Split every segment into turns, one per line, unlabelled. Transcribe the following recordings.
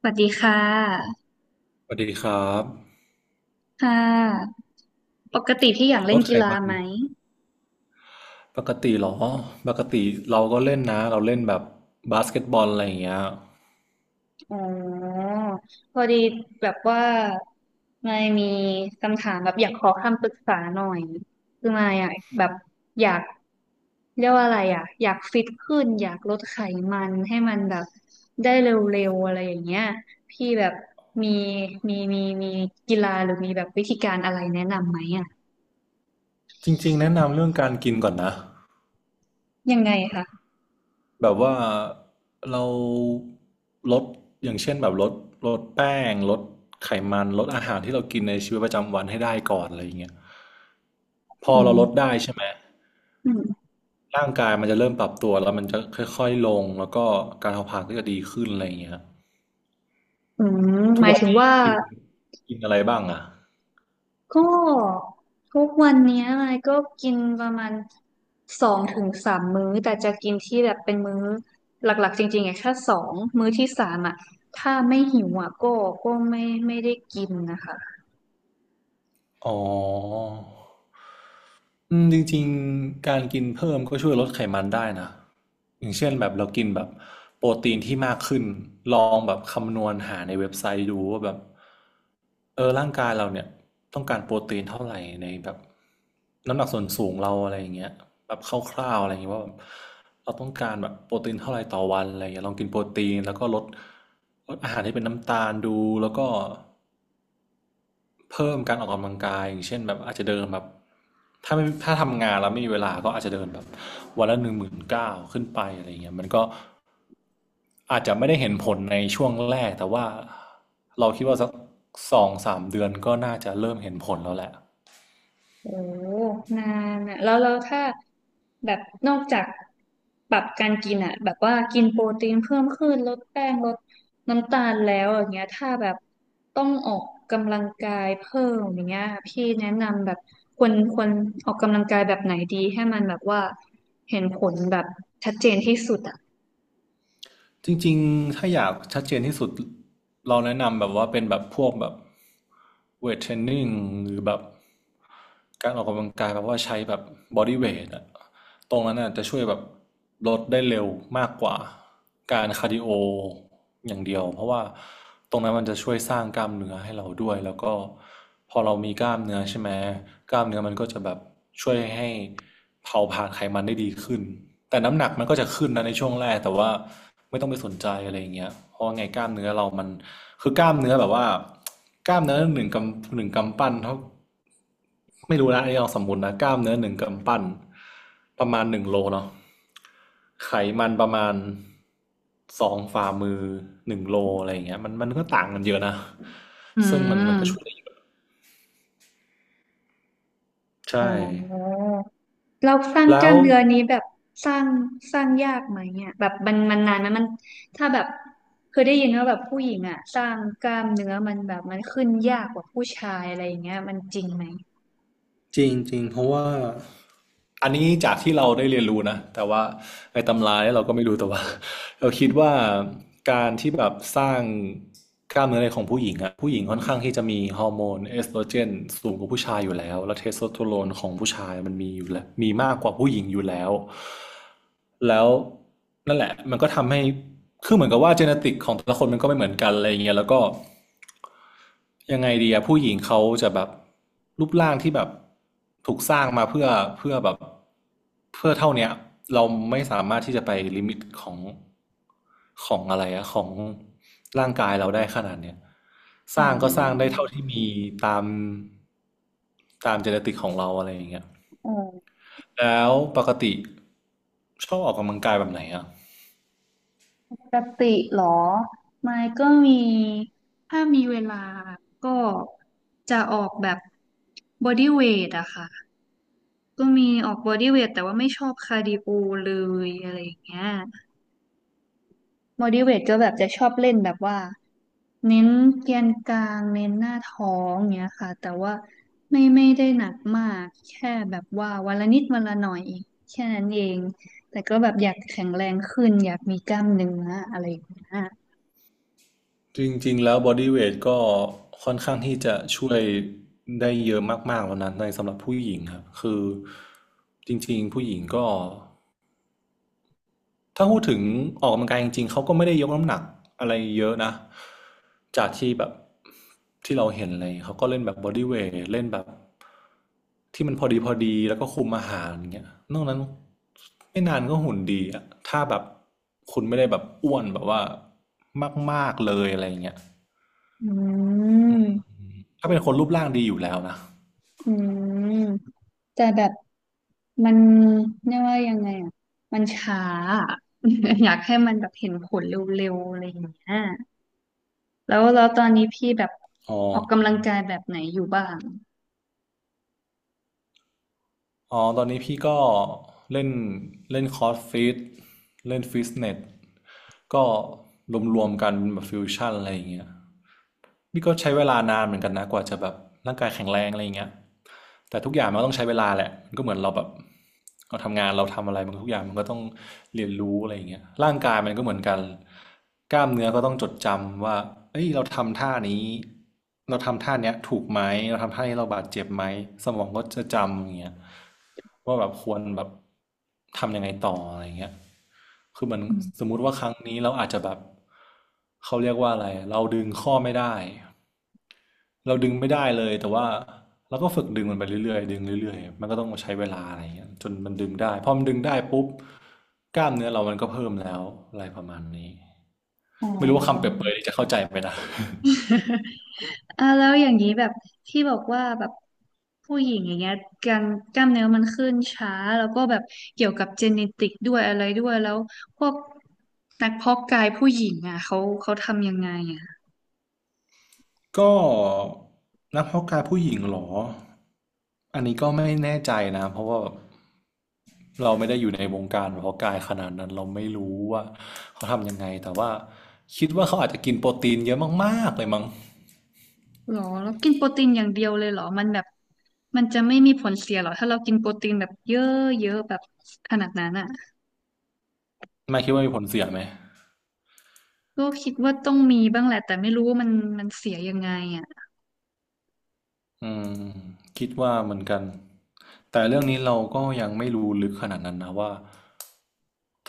สวัสดีค่ะ
สวัสดีครับ
ค่ะปกติพี่อยาก
ล
เล่น
ดไข
กีฬา
มัน
ไหม
ปกติเหรอปกติเราก็เล่นนะเราเล่นแบบบาสเกตบอลอะไรอย่างเงี้ย
อ๋อพอดีแบบว่าไม่มีคำถามแบบอยากขอคำปรึกษาหน่อยคือมายกแบบอยากเรียกว่าอะไรอ่ะ อยากฟิตขึ้นอยากลดไขมันให้มันแบบได้เร็วๆอะไรอย่างเงี้ยพี่แบบมีมีกีฬาหรือมีแบบวิธีการอะไรแนะนำไหมอ่ะ
จริงๆแนะนำเรื่องการกินก่อนนะ
ยังไงคะ
แบบว่าเราลดอย่างเช่นแบบลดแป้งลดไขมันลดอาหารที่เรากินในชีวิตประจำวันให้ได้ก่อนอะไรอย่างเงี้ยพอ
อื
เรา
ม
ลดได้ใช่ไหม
อืม
ร่างกายมันจะเริ่มปรับตัวแล้วมันจะค่อยๆลงแล้วก็การเผาผลาญก็จะดีขึ้นอะไรอย่างเงี้ย
อืม
ทุ
ห
ก
มาย
วัน
ถึง
นี้
ว่า
กินกินอะไรบ้างอ่ะ
ก็ทุกวันเนี้ยไยก็กินประมาณสองถึงสามมื้อแต่จะกินที่แบบเป็นมื้อหลักๆจริงๆอ่ะแค่สองมื้อที่สามอ่ะถ้าไม่หิวอ่ะก็ก็ไม่ได้กินนะคะ
อ๋อจริงๆการกินเพิ่มก็ช่วยลดไขมันได้นะอย่างเช่นแบบเรากินแบบโปรตีนที่มากขึ้นลองแบบคำนวณหาในเว็บไซต์ดูว่าแบบเออร่างกายเราเนี่ยต้องการโปรตีนเท่าไหร่ในแบบน้ำหนักส่วนสูงเราอะไรอย่างเงี้ยแบบคร่าวๆอะไรอย่างเงี้ยว่าแบบเราต้องการแบบโปรตีนเท่าไหร่ต่อวันอะไรอย่างเงี้ยลองกินโปรตีนแล้วก็ลดอาหารที่เป็นน้ำตาลดูแล้วก็ เพิ่มการออกกำลังกายอย่างเช่นแบบอาจจะเดินแบบถ้าทำงานแล้วไม่มีเวลาก็อาจจะเดินแบบวันละ19,000ขึ้นไปอะไรเงี้ยมันก็อาจจะไม่ได้เห็นผลในช่วงแรกแต่ว่าเราคิดว่าสักสองสามเดือนก็น่าจะเริ่มเห็นผลแล้วแหละ
โอ้นานอะแล้วแล้วถ้าแบบนอกจากปรับการกินอะแบบว่ากินโปรตีนเพิ่มขึ้นลดแป้งลดน้ำตาลแล้วอย่างเงี้ยถ้าแบบต้องออกกำลังกายเพิ่มอย่างเงี้ยพี่แนะนำแบบควรออกกำลังกายแบบไหนดีให้มันแบบว่าเห็นผลแบบชัดเจนที่สุดอะ
จริงๆ ถ้าอยากชัดเจนที่สุดเราแนะนำแบบว่าเป็นแบบพวกแบบเวทเทรนนิ่งหรือแบบการออกกำลังกายแบบว่าใช้แบบบอดี้เวทอะตรงนั้นน่ะจะช่วยแบบลดได้เร็วมากกว่าการคาร์ดิโออย่างเดียวเพราะว่าตรงนั้นมันจะช่วยสร้างกล้ามเนื้อให้เราด้วยแล้วก็พอเรามีกล้ามเนื้อใช่ไหมกล้ามเนื้อมันก็จะแบบช่วยให้ เผาผลาญไขมันได้ดีขึ้นแต่น้ำหนักมันก็จะขึ้นนะในช่วงแรกแต่ว่าไม่ต้องไปสนใจอะไรอย่างเงี้ยเพราะว่าไงกล้ามเนื้อเรามันคือกล้ามเนื้อแบบว่ากล้ามเนื้อหนึ่งกำปั้นเท่าไม่รู้นะอันนี้ลองสมมตินะกล้ามเนื้อหนึ่งกำปั้นประมาณหนึ่งโลเนาะไขมันประมาณ2 ฝ่ามือหนึ่งโลอะไรอย่างเงี้ยมันก็ต่างกันเยอะนะ
อื
ซึ่งมันก็ช่วยได้
ม
เยอะ
อ๋อ
ใช่
เราสร้างก
แล้
ล้า
ว
มเนื้อนี้แบบสร้างยากไหมเนี่ยแบบมันมันนานไหมมันถ้าแบบเคยได้ยินว่าแบบผู้หญิงอ่ะสร้างกล้ามเนื้อมันแบบมันขึ้นยากกว่าผู้ชายอะไรอย่างเงี้ยมันจริงไหม
จริงจริงเพราะว่าอันนี้จากที่เราได้เรียนรู้นะแต่ว่าในตำราเนี่ยเราก็ไม่รู้แต่ว่า เราคิดว่าการที่แบบสร้างกล้ามเนื้อในของผู้หญิงอะผู้หญิงค่อนข้างที่จะมีฮอร์โมนเอสโตรเจนสูงกว่าผู้ชายอยู่แล้วและเทสโทสเตอโรนของผู้ชายมันมีอยู่แล้วมีมากกว่าผู้หญิงอยู่แล้วแล้วนั่นแหละมันก็ทำให้คือเหมือนกับว่าเจเนติกของแต่ละคนมันก็ไม่เหมือนกันอะไรอย่างเงี้ยแล้วก็ ยังไงดีอะผู้หญิงเขาจะแบบรูปร่างที่แบบถูกสร้างมาเพื่อเพื่อแบบเพื่อเท่าเนี้ยเราไม่สามารถที่จะไปลิมิตของของอะไรอะของร่างกายเราได้ขนาดเนี้ยสร้างก็สร้างได้เท่าที่มีตามตามเจเนติกของเราอะไรอย่างเงี้ยแล้วปกติชอบออกกำลังกายแบบไหนอะ
ปกติเหรอไม่ก็มีถ้ามีเวลาก็จะออกแบบบอดี้เวทอะค่ะก็มีออกบอดี้เวทแต่ว่าไม่ชอบคาร์ดิโอเลยอะไรอย่างเงี้ย motivate ก็แบบจะชอบเล่นแบบว่าเน้นแกนกลางเน้นหน้าท้องเงี้ยค่ะแต่ว่าไม่ได้หนักมากแค่แบบว่าวันละนิดวันละหน่อยแค่นั้นเองแต่ก็แบบอยากแข็งแรงขึ้นอยากมีกล้ามเนื้ออะไรอย่างเงี้ย
จริงๆแล้วบอดี้เวทก็ค่อนข้างที่จะช่วยได้เยอะมากๆแล้วนะในสำหรับผู้หญิงครับคือจริงๆผู้หญิงก็ถ้าพูดถึงออกกำลังกายจริงๆเขาก็ไม่ได้ยกน้ำหนักอะไรเยอะนะจากที่แบบที่เราเห็นเลยเขาก็เล่นแบบบอดี้เวทเล่นแบบที่มันพอดีพอดีแล้วก็คุมอาหารเงี้ยนอกนั้นไม่นานก็หุ่นดีอะถ้าแบบคุณไม่ได้แบบอ้วนแบบว่ามากๆเลยอะไรเงี้ย
อืม
ถ้าเป็นคนรูปร่างดีอยู่แล้วนะ
อืมแต่แบบมันเรียกว่ายังไงอ่ะมันช้าอะ อยากให้มันแบบเห็นผลเร็วๆอะไรอย่างเงี้ย แล้วแล้วตอนนี้พี่แบบ
อ๋อ
ออกกำลังกายแบบไหนอยู่บ้าง
อ๋อตอนนี้พี่ก็เล่นเล่นคอร์สฟิตเล่นฟิตเนสก็รวมๆกันแบบฟิวชั่นอะไรอย่างเงี้ยนี่ก็ใช้เวลานานเหมือนกันนะกว่าจะแบบร่างกายแข็งแรงอะไรอย่างเงี้ย แต่ทุกอย่างมันก็ต้องใช้เวลาแหละมันก็เหมือนเราแบบเราทำงานเราทำอะไรมันทุกอย่างมันก็ต้องเรียนรู้อะไรอย่างเงี้ยร่างกายมันก็เหมือนกันกล้ามเนื้อก็ต้องจดจำว่าเอ้ยเราทำท่านี้เราทำท่านี้ถูกไหมเราทำท่านี้เราบาดเจ็บไหมสมองก็จะจำอย่างเงี้ยว่าแบบควรแบบทำยังไงต่ออะไรอย่างเงี้ยคือเหมือน
อืม
สมมุติว่าครั้งนี้เราอาจจะแบบเขาเรียกว่าอะไรเราดึงข้อไม่ได้ เราดึงไม่ได้เลยแต่ว่าเราก็ฝึกดึงมันไปเรื่อยๆดึงเรื่อยๆมันก็ต้องใช้เวลาอะไรอย่างเงี้ยจนมันดึงได้พอมันดึงได้ปุ๊บกล้ามเนื้อเรามันก็เพิ่มแล้วอะไรประมาณนี้
อ๋อ
ไม่รู้ว่าคำเปรียบเปรยนี่จะเข้าใจไหมนะ
อ่าแล้วอย่างนี้แบบที่บอกว่าแบบผู้หญิงอย่างเงี้ยการกล้ามเนื้อมันขึ้นช้าแล้วก็แบบเกี่ยวกับเจเนติกด้วยอะไรด้วยแล้วพวกนักเพาะกายผู้หญิงอ่ะเขาทำยังไงอ่ะ
ก็นักเพาะกายผู้หญิงเหรออันนี้ก็ไม่แน่ใจนะเพราะว่าเราไม่ได้อยู่ในวงการเพาะกายขนาดนั้นเราไม่รู้ว่าเขาทำยังไงแต่ว่าคิดว่าเขาอาจจะกินโปรตีนเยอะมากๆเลยมั้ง
หรอแล้วกินโปรตีนอย่างเดียวเลยเหรอมันแบบมันจะไม่มีผลเสียเหรอถ้าเรากินโปรตีนแบบเยอะเยอะแบบขนาดนั้นอ่ะ
ไม่คิดว่ามีผลเสียไหม
ก็คิดว่าต้องมีบ้างแหละแต่ไม่รู้ว่ามันมันเสียยังไงอ่ะ
อืมคิดว่าเหมือนกัน แต่เรื่องนี้เราก็ยังไม่รู้ลึกขนาดนั้นนะว่า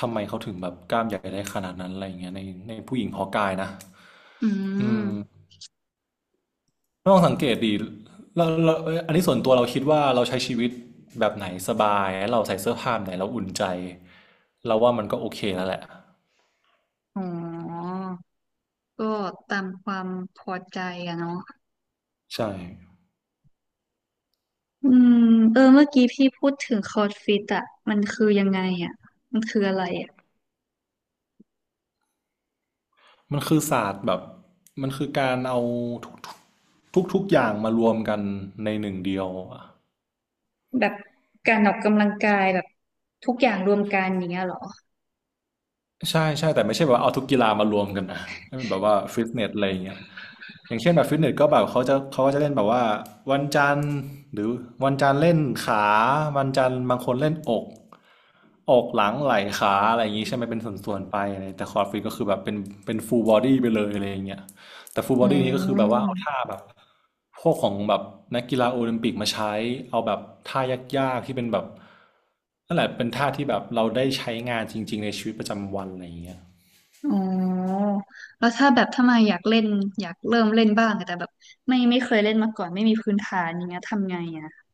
ทำไมเขาถึงแบบกล้ามใหญ่ได้ขนาดนั้นอะไรอย่างเงี้ยในผู้หญิงฮอกอายนะ
อื
อืม
ม
ลองสังเกตดีเราเอ้ยอันนี้ส่วนตัวเราคิดว่าเราใช้ชีวิตแบบไหนสบายเราใส่เสื้อผ้าแบบไหนเราอุ่นใจเราว่ามันก็โอเคแล้วแหละ
อ๋อก็ตามความพอใจอะเนาะ
ใช่
อืมเออเมื่อกี้พี่พูดถึงคอร์สฟิตอะมันคือยังไงอะมันคืออะไรอะ
มันคือศาสตร์แบบมันคือการเอาทุกทุกทุกๆอย่างมารวมกันในหนึ่งเดียวอะ
แบบการออกกำลังกายแบบทุกอย่างรวมกันอย่างเงี้ยเหรอ
ใช่แต่ไม่ใช่แบบว่าเอาทุกกีฬามารวมกันนะแบบว่าฟิตเนสอะไรอย่างเงี้ย อย่างเช่นแบบฟิตเนสก็แบบเขาจะเขาก็จะเล่นแบบว่าวันจันทร์หรือวันจันทร์เล่นขาวันจันทร์บางคนเล่นอกอกหลังไหล่ขาอะไรอย่างนี้ใช่ไหมเป็นส่วนๆไปอะไรแต่คอร์ดฟิตก็คือแบบเป็นฟูลบอดี้ไปเลยอะไรอย่างเงี้ยแต่ฟูล
อื
บอดี้นี้ก็คือแบบว่าเอาท่า
ม
แบบพวกของแบบนักกีฬาโอลิมปิกมาใช้เอาแบบท่ายากๆที่เป็นแบบนั่นแหละเป็นท่าที่แบบเราได้ใช้งานจริงๆในชีวิตประจำวันอะไรอย่างเงี้ย
อ๋อแล้วถ้าแบบถ้ามาอยากเล่นอยากเริ่มเล่นบ้างอะแต่แบบไม่เคยเล่นมาก่อนไม่มีพื้นฐานอย่างเงี้ยทำไงอะ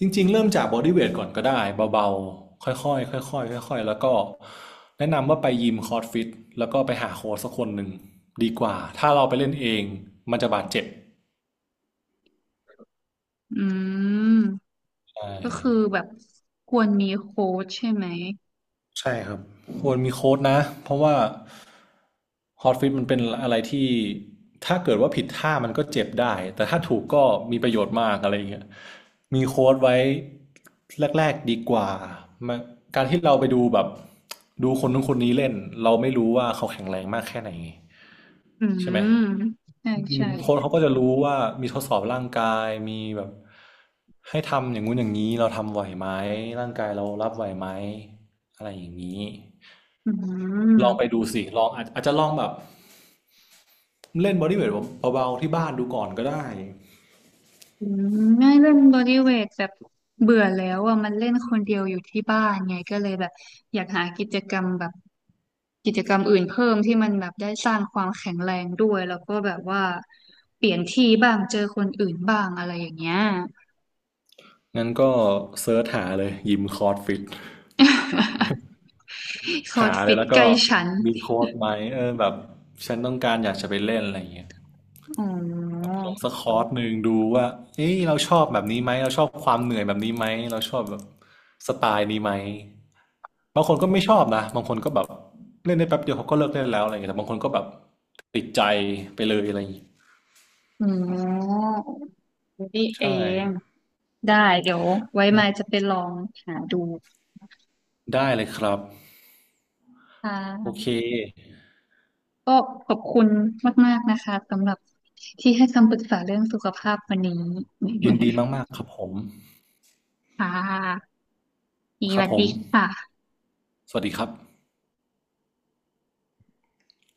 จริงๆเริ่มจากบอดี้เวทก่อนก็ได้เบาๆค่อยๆค่อยๆค่อยๆแล้วก็แนะนำว่าไปยิมคอร์สฟิตแล้วก็ไปหาโค้ชสักคนหนึ่งดีกว่าถ้าเราไปเล่นเองมันจะบาดเจ็บ
อืม
ใช่
ก็คือแบบควรมีโค้ชใช่ไหม
ใช่ครับควรมีโค้ดนะเพราะว่าฮอตฟิตมันเป็นอะไรที่ถ้าเกิดว่าผิดท่ามันก็เจ็บได้แต่ถ้าถูกก็มีประโยชน์มากอะไรอย่างเงี้ยมีโค้ดไว้แรกๆดีกว่ามาการที่เราไปดูแบบดูคนนู้นคนนี้เล่นเราไม่รู้ว่าเขาแข็งแรงมากแค่ไหน
อื
ใช่ไหม
มใช่
อืม
ใช่
โค้ชเขาก็จะรู้ว่ามีทดสอบร่างกายมีแบบให้ทำอย่างงู้นอย่างนี้เราทำไหวไหมร่างกายเรารับไหวไหมอะไรอย่างนี้
อืม
ลองไปดูสิลองอาจจะลองแบบเล่นบอดี้เวทเบาๆที่บ้านดูก่อนก็ได้
อืมไม่เล่นบอดี้เวทแบบเบื่อแล้วอ่ะมันเล่นคนเดียวอยู่ที่บ้านไงก็เลยแบบอยากหากิจกรรมแบบกิจกรรมอื่นเพิ่มที่มันแบบได้สร้างความแข็งแรงด้วยแล้วก็แบบว่าเปลี่ยนที่บ้างเจอคนอื่นบ้างอะไรอย่างเงี้ย
งั้นก็เซิร์ชหาเลยยิมคอร์สฟิต
คอร์
หา
ส
เล
ฟิ
ย
ต
แล้ว
ใก
ก็
ล้ฉัน
มีโค้ดไหมเออแบบฉันต้องการอยากจะไปเล่นอะไรอย่างเงี้ย
อ๋
แบบ
อ
ลงสักคอร์สหนึ่งดูว่าเอ้ยเราชอบแบบนี้ไหมเราชอบความเหนื่อยแบบนี้ไหมเราชอบแบบสไตล์นี้ไหมบางคนก็ไม่ชอบนะบางคนก็แบบเล่นได้แป๊บเดียวเขาก็เลิกเล่นแล้วอะไรอย่างเงี้ยแต่บางคนก็แบบติดใจไปเลยอะไรอย่างเงี้ย
อ๋อนี่เอ
ใช่
ง ได้เดี๋ยวไว้มายจะไปลองหาดู
ได้เลยครับ
ค่
โอเค
ะก็ขอบคุณมากๆนะคะสำหรับที่ให้คำปรึกษาเรื่องสุขภาพวันนี้
ยินดีมากๆครับผม
ค่ะส
ครับ
วัส
ผ
ดี
ม
ค่ะ
สวัสดีครับ